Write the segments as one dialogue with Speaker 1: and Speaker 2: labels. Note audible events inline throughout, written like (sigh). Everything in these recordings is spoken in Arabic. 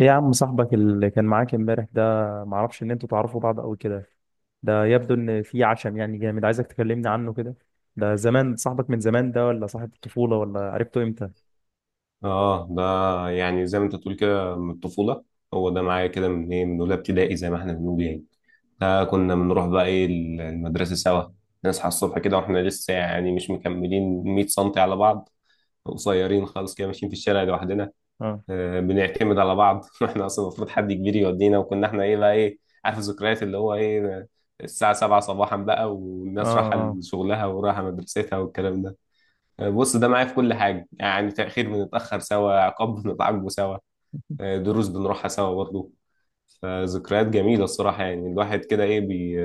Speaker 1: ايه يا عم صاحبك اللي كان معاك امبارح ده؟ معرفش ان انتوا تعرفوا بعض قوي كده. ده يبدو ان في عشم يعني جامد عايزك تكلمني عنه كده. ده زمان صاحبك من زمان ده، ولا صاحب الطفولة، ولا عرفته امتى؟
Speaker 2: اه ده، يعني زي ما انت تقول كده من الطفولة. هو ده معايا كده من ايه من اولى ابتدائي زي ما احنا بنقول يعني. ده كنا بنروح بقى ايه المدرسة سوا. نصحى الصبح كده واحنا لسه يعني مش مكملين 100 سم على بعض، قصيرين خالص كده ماشيين في الشارع لوحدنا.
Speaker 1: اه.
Speaker 2: بنعتمد على بعض (laughs) واحنا اصلا المفروض حد كبير يودينا، وكنا احنا ايه بقى ايه عارف الذكريات اللي هو ايه. الساعة 7 صباحا بقى،
Speaker 1: اه.
Speaker 2: والناس رايحة
Speaker 1: اه.
Speaker 2: لشغلها ورايحة مدرستها والكلام ده. بص، ده معايا في كل حاجة، يعني تأخير بنتأخر سوا، عقاب بنتعاقبه سوا، دروس بنروحها سوا برضه. فذكريات جميلة الصراحة، يعني الواحد كده إيه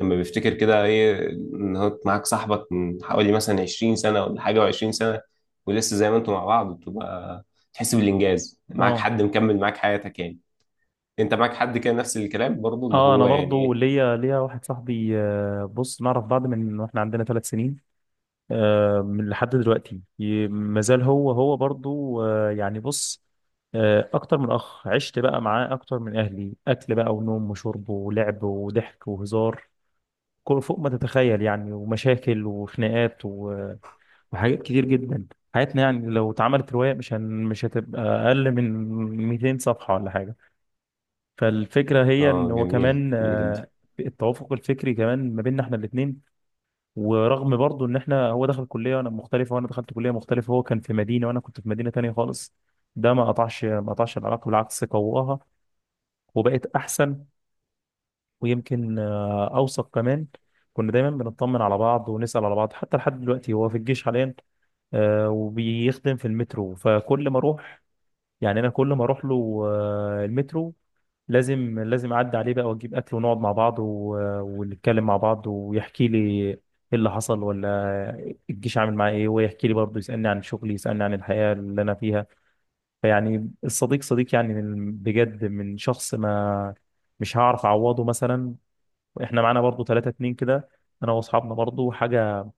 Speaker 2: لما بيفتكر كده إيه إن هو معاك صاحبك من حوالي مثلا 20 سنة ولا حاجة، و20 سنة ولسه زي ما أنتوا مع بعض، بتبقى تحس بالإنجاز، معاك
Speaker 1: اه.
Speaker 2: حد مكمل معاك حياتك يعني. أنت معاك حد كده نفس الكلام برضه اللي
Speaker 1: اه، انا
Speaker 2: هو يعني
Speaker 1: برضو
Speaker 2: إيه.
Speaker 1: ليا واحد صاحبي، بص، نعرف بعض من واحنا عندنا ثلاث سنين، من لحد دلوقتي مازال هو هو برضو، بص، اكتر من اخ، عشت بقى معاه اكتر من اهلي، اكل بقى ونوم وشرب ولعب وضحك وهزار، فوق ما تتخيل يعني، ومشاكل وخناقات وحاجات كتير جدا. حياتنا يعني لو اتعملت رواية، مش هتبقى أقل من 200 صفحة ولا حاجة. فالفكرة هي إن
Speaker 2: آه
Speaker 1: هو
Speaker 2: جميل
Speaker 1: كمان،
Speaker 2: جميل جدا.
Speaker 1: التوافق الفكري كمان ما بيننا إحنا الاتنين. ورغم برضو إن إحنا، هو دخل كلية وأنا مختلفة، وأنا دخلت كلية مختلفة، هو كان في مدينة وأنا كنت في مدينة تانية خالص، ده ما قطعش العلاقة، بالعكس قواها وبقت أحسن. ويمكن اوثق كمان. كنا دايما بنطمن على بعض ونسال على بعض، حتى لحد دلوقتي هو في الجيش حاليا، وبيخدم في المترو. فكل ما اروح، يعني انا كل ما اروح له، المترو، لازم اعدي عليه بقى واجيب اكل ونقعد مع بعض ونتكلم مع بعض، ويحكي لي ايه اللي حصل ولا الجيش عامل معاه ايه، ويحكي لي برضه، يسالني عن شغلي، يسالني عن الحياه اللي انا فيها. فيعني الصديق صديق يعني، بجد من شخص، ما مش هعرف اعوضه مثلا. احنا معانا برضو 3 2 كده، انا واصحابنا برضو حاجه،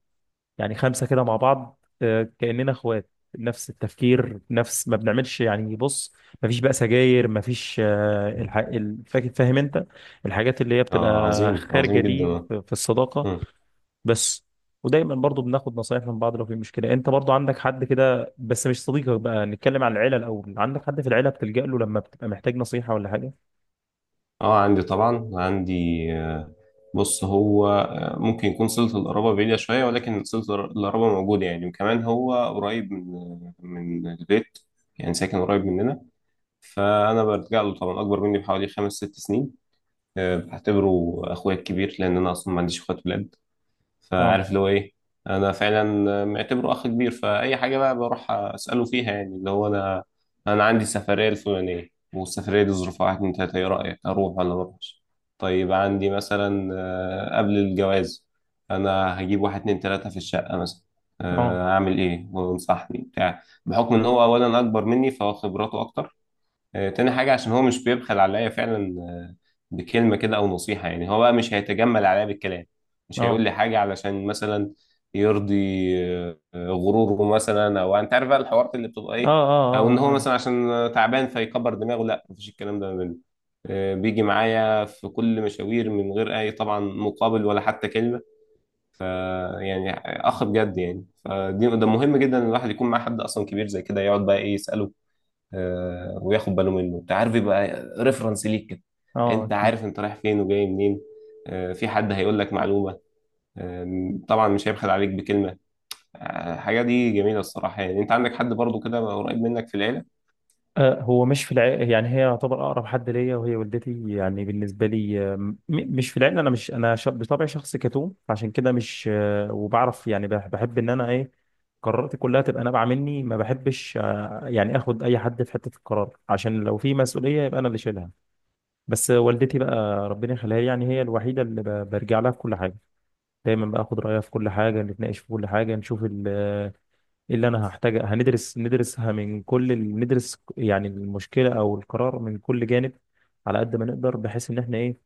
Speaker 1: يعني خمسه كده مع بعض، كاننا اخوات، نفس التفكير، نفس ما بنعملش يعني. بص، ما فيش بقى سجاير، ما فيش فاهم انت، الحاجات اللي هي
Speaker 2: آه
Speaker 1: بتبقى
Speaker 2: عظيم
Speaker 1: خارجه
Speaker 2: عظيم
Speaker 1: دي،
Speaker 2: جدا.
Speaker 1: في في الصداقه.
Speaker 2: آه.
Speaker 1: بس. ودايما برضو بناخد نصايح من بعض لو في مشكله. انت برضو عندك حد كده، بس مش صديقك بقى، نتكلم على العيله الاول. عندك حد في العيله بتلجأ له لما بتبقى محتاج نصيحه ولا حاجه؟
Speaker 2: اه عندي طبعا، عندي. آه، بص هو ممكن يكون صلة القرابة بعيدة شوية، ولكن صلة القرابة موجودة يعني، وكمان هو قريب من من البيت. يعني ساكن قريب مننا. فأنا برجع له طبعا، أكبر مني بحوالي خمس ست سنين. بعتبره أخويا الكبير لأن أنا أصلا ما عنديش أخوات ولاد.
Speaker 1: اه.
Speaker 2: فعارف اللي هو ايه. انا فعلا معتبره اخ كبير، فاي حاجه بقى بروح اساله فيها. يعني اللي هو انا عندي السفريه الفلانيه، والسفريه دي ظروفها واحد اتنين تلاته، ايه رايك اروح ولا ما اروحش؟ طيب عندي مثلا قبل الجواز انا هجيب واحد اتنين تلاته في الشقه مثلا،
Speaker 1: اه.
Speaker 2: اعمل ايه؟ وانصحني بتاع، بحكم ان هو اولا اكبر مني فهو خبراته اكتر. تاني حاجة عشان هو مش بيبخل عليا فعلا، بكلمة كده أو نصيحة. يعني هو بقى مش هيتجمل عليا بالكلام، مش هيقول
Speaker 1: اه.
Speaker 2: لي حاجة علشان مثلا يرضي غروره مثلا، أو يعني أنت عارف بقى الحوارات اللي بتبقى
Speaker 1: اه.
Speaker 2: إيه،
Speaker 1: اه.
Speaker 2: أو إن
Speaker 1: اه
Speaker 2: هو
Speaker 1: عارف.
Speaker 2: مثلا عشان تعبان فيكبر دماغه. لا، مفيش الكلام ده منه. بيجي معايا في كل مشاوير من غير أي طبعا مقابل ولا حتى كلمة. ف يعني أخ بجد يعني. فدي ده مهم جدا إن الواحد يكون مع حد أصلا كبير زي كده، يقعد بقى إيه يسأله. وياخد باله منه، انت عارف يبقى ريفرنس ليك كده.
Speaker 1: اه
Speaker 2: انت
Speaker 1: اكيد.
Speaker 2: عارف انت رايح فين وجاي منين. في حد هيقول لك معلومة. طبعا مش هيبخل عليك بكلمة. الحاجة دي جميلة الصراحة. يعني انت عندك حد برضو كده قريب منك في العيلة.
Speaker 1: هو مش في العائلة يعني، هي يعتبر أقرب حد ليا، وهي والدتي يعني بالنسبة لي. مش في العائلة، أنا مش، بطبعي شخص كتوم، عشان كده مش، وبعرف يعني، بحب إن أنا، إيه، قراراتي كلها تبقى نابعة مني. ما بحبش، يعني آخد أي حد في حتة القرار، عشان لو في مسؤولية يبقى أنا اللي شايلها. بس والدتي بقى، ربنا يخليها لي، يعني هي الوحيدة اللي برجع لها في كل حاجة. دايما باخد رأيها في كل حاجة، نتناقش في كل حاجة، نشوف ايه اللي انا هحتاج، هندرس ندرسها من كل ندرس يعني المشكله او القرار من كل جانب، على قد ما نقدر، بحيث ان احنا، ايه،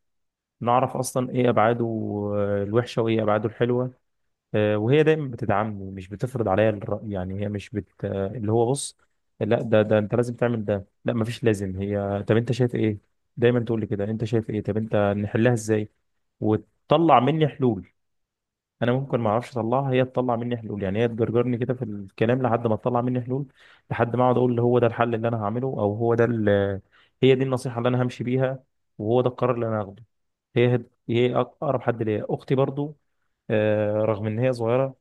Speaker 1: نعرف اصلا ايه ابعاده، الوحشه، وايه ابعاده الحلوه. وهي دايما بتدعمني، مش بتفرض عليا الراي. يعني هي مش بت آه، اللي هو، بص، لا، ده ده انت لازم تعمل ده، لا، مفيش لازم، هي طب انت شايف ايه، دايما تقول لي كده، انت شايف ايه، طب انت نحلها ازاي، وتطلع مني حلول. انا ممكن ما اعرفش اطلعها، هي تطلع مني حلول، يعني هي تجرجرني كده في الكلام لحد ما تطلع مني حلول، لحد ما اقعد اقول اللي هو ده الحل اللي انا هعمله، او هو ده هي دي النصيحه اللي انا همشي بيها، وهو ده القرار اللي انا هاخده. هي اقرب حد ليا، اختي برضو، رغم ان هي صغيره،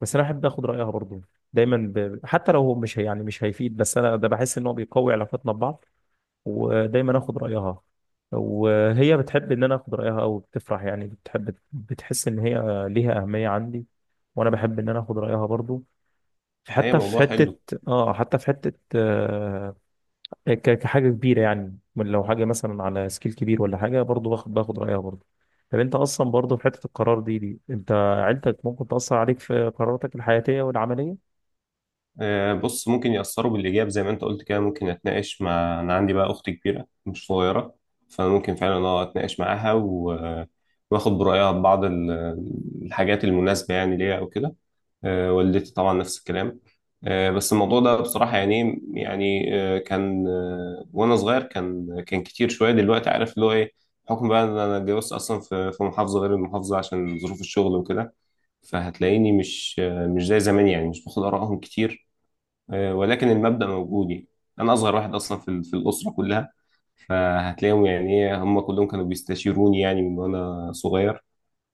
Speaker 1: بس انا احب اخد رايها برضو. حتى لو هو، مش هي يعني مش هيفيد، بس انا ده بحس ان هو بيقوي علاقتنا ببعض، ودايما اخد رايها. وهي بتحب ان انا اخد رايها او بتفرح، يعني بتحب، بتحس ان هي ليها اهميه عندي، وانا بحب ان انا اخد رايها برضو،
Speaker 2: هي
Speaker 1: حتى في
Speaker 2: موضوع حلو.
Speaker 1: حته. اه، حتى في حته، آه، كحاجه كبيره يعني، من لو حاجه مثلا على سكيل كبير ولا حاجه، برضو باخد رايها برضو. طب انت اصلا برضو في حته القرار دي، انت عيلتك ممكن تاثر عليك في قراراتك الحياتيه والعمليه؟
Speaker 2: بص ممكن يأثروا بالإيجاب زي ما انت قلت كده. ممكن أتناقش مع، أنا عندي بقى أخت كبيرة مش صغيرة، فممكن فعلا أه أتناقش معاها و... واخد برأيها ببعض الحاجات المناسبة يعني ليها أو كده. والدتي طبعا نفس الكلام. بس الموضوع ده بصراحة يعني كان، وأنا صغير كان كتير شوية، دلوقتي عارف اللي هو إيه. بحكم بقى إن أنا اتجوزت أصلا في محافظة غير المحافظة عشان ظروف الشغل وكده، فهتلاقيني مش مش زي زمان يعني، مش باخد آرائهم كتير. ولكن المبدأ موجود يعني. أنا أصغر واحد أصلا في في الأسرة كلها، فهتلاقيهم يعني إيه هم كلهم كانوا بيستشيروني يعني من وأنا صغير.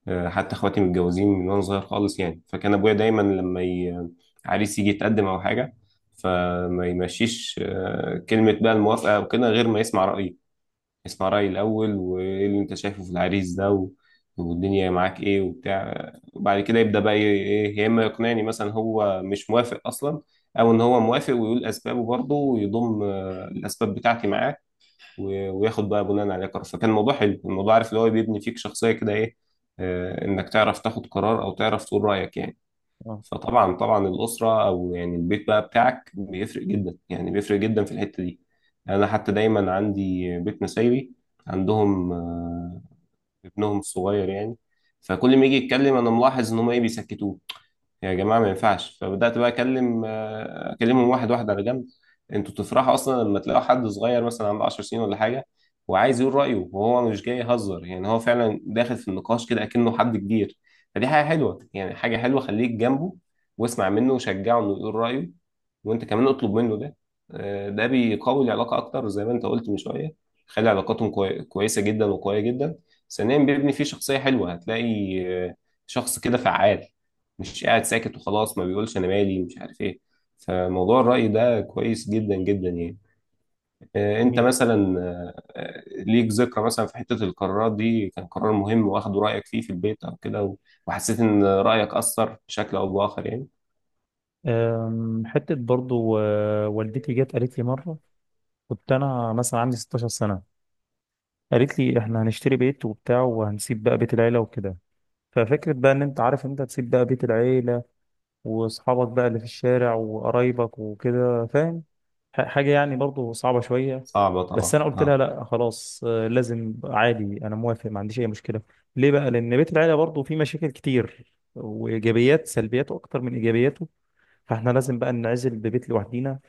Speaker 2: حتى اخواتي متجوزين من وانا صغير خالص يعني. فكان ابويا دايما لما عريس يجي يتقدم او حاجه، فما يمشيش كلمه بقى الموافقه او كده غير ما يسمع رايي. يسمع رايي الاول، وايه اللي انت شايفه في العريس ده و... والدنيا معاك ايه وبتاع، وبعد كده يبدا بقى ايه إيه، يا اما يقنعني مثلا هو مش موافق اصلا، او ان هو موافق ويقول اسبابه برضه ويضم الاسباب بتاعتي معاه. وياخد بقى بناء عليه قرار. فكان الموضوع حلو، الموضوع عارف اللي هو بيبني فيك شخصية كده ايه، انك تعرف تاخد قرار او تعرف تقول رأيك يعني.
Speaker 1: اه.
Speaker 2: فطبعا طبعا الأسرة او يعني البيت بقى بتاعك بيفرق جدا، يعني بيفرق جدا في الحتة دي. يعني انا حتى دايما عندي بيت نسايبي، عندهم ابنهم الصغير يعني. فكل ما يجي يتكلم انا ملاحظ ان هم ايه بيسكتوه. يا جماعة ما ينفعش، فبدأت بقى أكلم أكلمهم واحد واحد على جنب. أنتوا تفرحوا أصلا لما تلاقوا حد صغير مثلا عنده 10 سنين ولا حاجة، وعايز يقول رأيه، وهو مش جاي يهزر، يعني هو فعلا داخل في النقاش كده أكنه حد كبير. فدي حاجة حلوة يعني، حاجة حلوة. خليك جنبه واسمع منه وشجعه إنه يقول رأيه، وانت كمان اطلب منه ده. ده بيقوي العلاقه اكتر زي ما انت قلت من شويه. خلي علاقاتهم كويسه جدا وقويه جدا. ثانيا بيبني فيه شخصيه حلوه، هتلاقي آه، شخص كده فعال، مش قاعد ساكت وخلاص، ما بيقولش انا مالي مش عارف ايه. فموضوع الرأي ده كويس جدا جدا يعني. انت
Speaker 1: جميل.
Speaker 2: مثلا ليك ذكرى مثلا في حتة القرارات دي، كان قرار مهم واخدوا رأيك فيه في البيت او كده وحسيت ان رأيك أثر بشكل او بآخر يعني.
Speaker 1: أم، حتة برضو، والدتي جت قالت لي مرة، كنت انا مثلا عندي 16 سنه، قالت لي احنا هنشتري بيت وبتاع، وهنسيب بقى بيت العيله وكده. ففكره بقى ان انت عارف انت تسيب بقى بيت العيله واصحابك بقى اللي في الشارع وقرايبك وكده، فاهم، حاجه يعني برضو صعبه شويه.
Speaker 2: صعبة
Speaker 1: بس
Speaker 2: طبعا
Speaker 1: انا قلت لها
Speaker 2: اه.
Speaker 1: لا خلاص، لازم، عادي، انا موافق، ما عنديش اي مشكله. ليه بقى؟ لان بيت العيله برضو فيه مشاكل كتير، وايجابيات، سلبياته اكتر من ايجابياته، فاحنا لازم بقى ننعزل ببيت لوحدينا.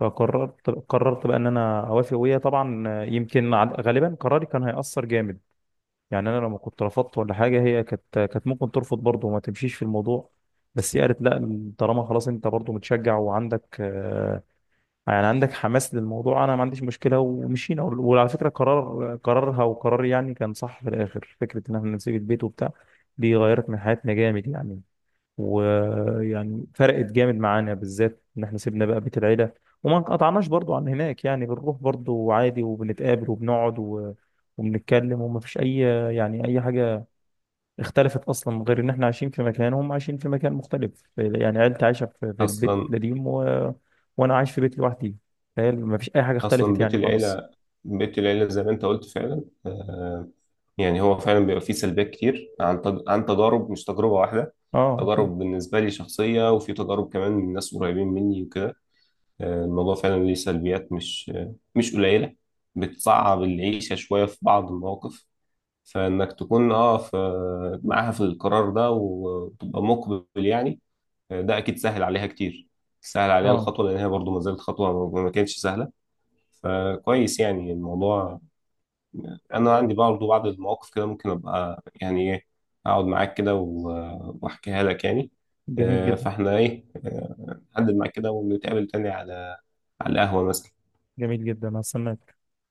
Speaker 1: فقررت، بقى ان انا اوافق، وهي طبعا يمكن، غالبا قراري كان هيأثر جامد. يعني انا لما كنت رفضت ولا حاجه، هي كانت ممكن ترفض برضه وما تمشيش في الموضوع. بس هي قالت لا، طالما خلاص انت برضه متشجع، وعندك يعني عندك حماس للموضوع، انا ما عنديش مشكله، ومشينا. وعلى فكره، قرار، قرارها وقراري يعني، كان صح في الاخر، فكره ان احنا نسيب البيت وبتاع، دي غيرت من حياتنا جامد يعني. ويعني فرقت جامد معانا، بالذات ان احنا سيبنا بقى بيت العيله. وما انقطعناش برضو عن هناك، يعني بنروح برضو عادي، وبنتقابل، وبنقعد، وبنتكلم. وما فيش اي، يعني اي حاجه اختلفت اصلا، من غير ان احنا عايشين في مكان، هم عايشين في مكان مختلف، يعني عيلتي عايشه في في البيت
Speaker 2: اصلا
Speaker 1: القديم وانا عايش في بيت لوحدي. فهي ما فيش اي حاجه
Speaker 2: اصلا
Speaker 1: اختلفت
Speaker 2: بيت
Speaker 1: يعني خالص.
Speaker 2: العيله، زي ما انت قلت فعلا. يعني هو فعلا بيبقى فيه سلبيات كتير عن عن تجارب مش تجربه واحده.
Speaker 1: اه اكيد.
Speaker 2: تجارب بالنسبه لي شخصيه، وفي تجارب كمان من ناس قريبين مني وكده. الموضوع فعلا ليه سلبيات مش مش قليله. بتصعب العيشه شويه في بعض المواقف. فانك تكون اه معاها في القرار ده وتبقى مقبل يعني، ده اكيد سهل عليها كتير. سهل عليها
Speaker 1: اه.
Speaker 2: الخطوه لان هي برضو ما زالت خطوه، ما كانتش سهله. فكويس يعني الموضوع. انا عندي برضه بعض المواقف كده، ممكن ابقى يعني ايه اقعد معاك كده واحكيها لك يعني.
Speaker 1: جميل جدا.
Speaker 2: فاحنا ايه نحدد معاك كده ونتقابل تاني على القهوة مثلا.
Speaker 1: جميل جدا، هستناك.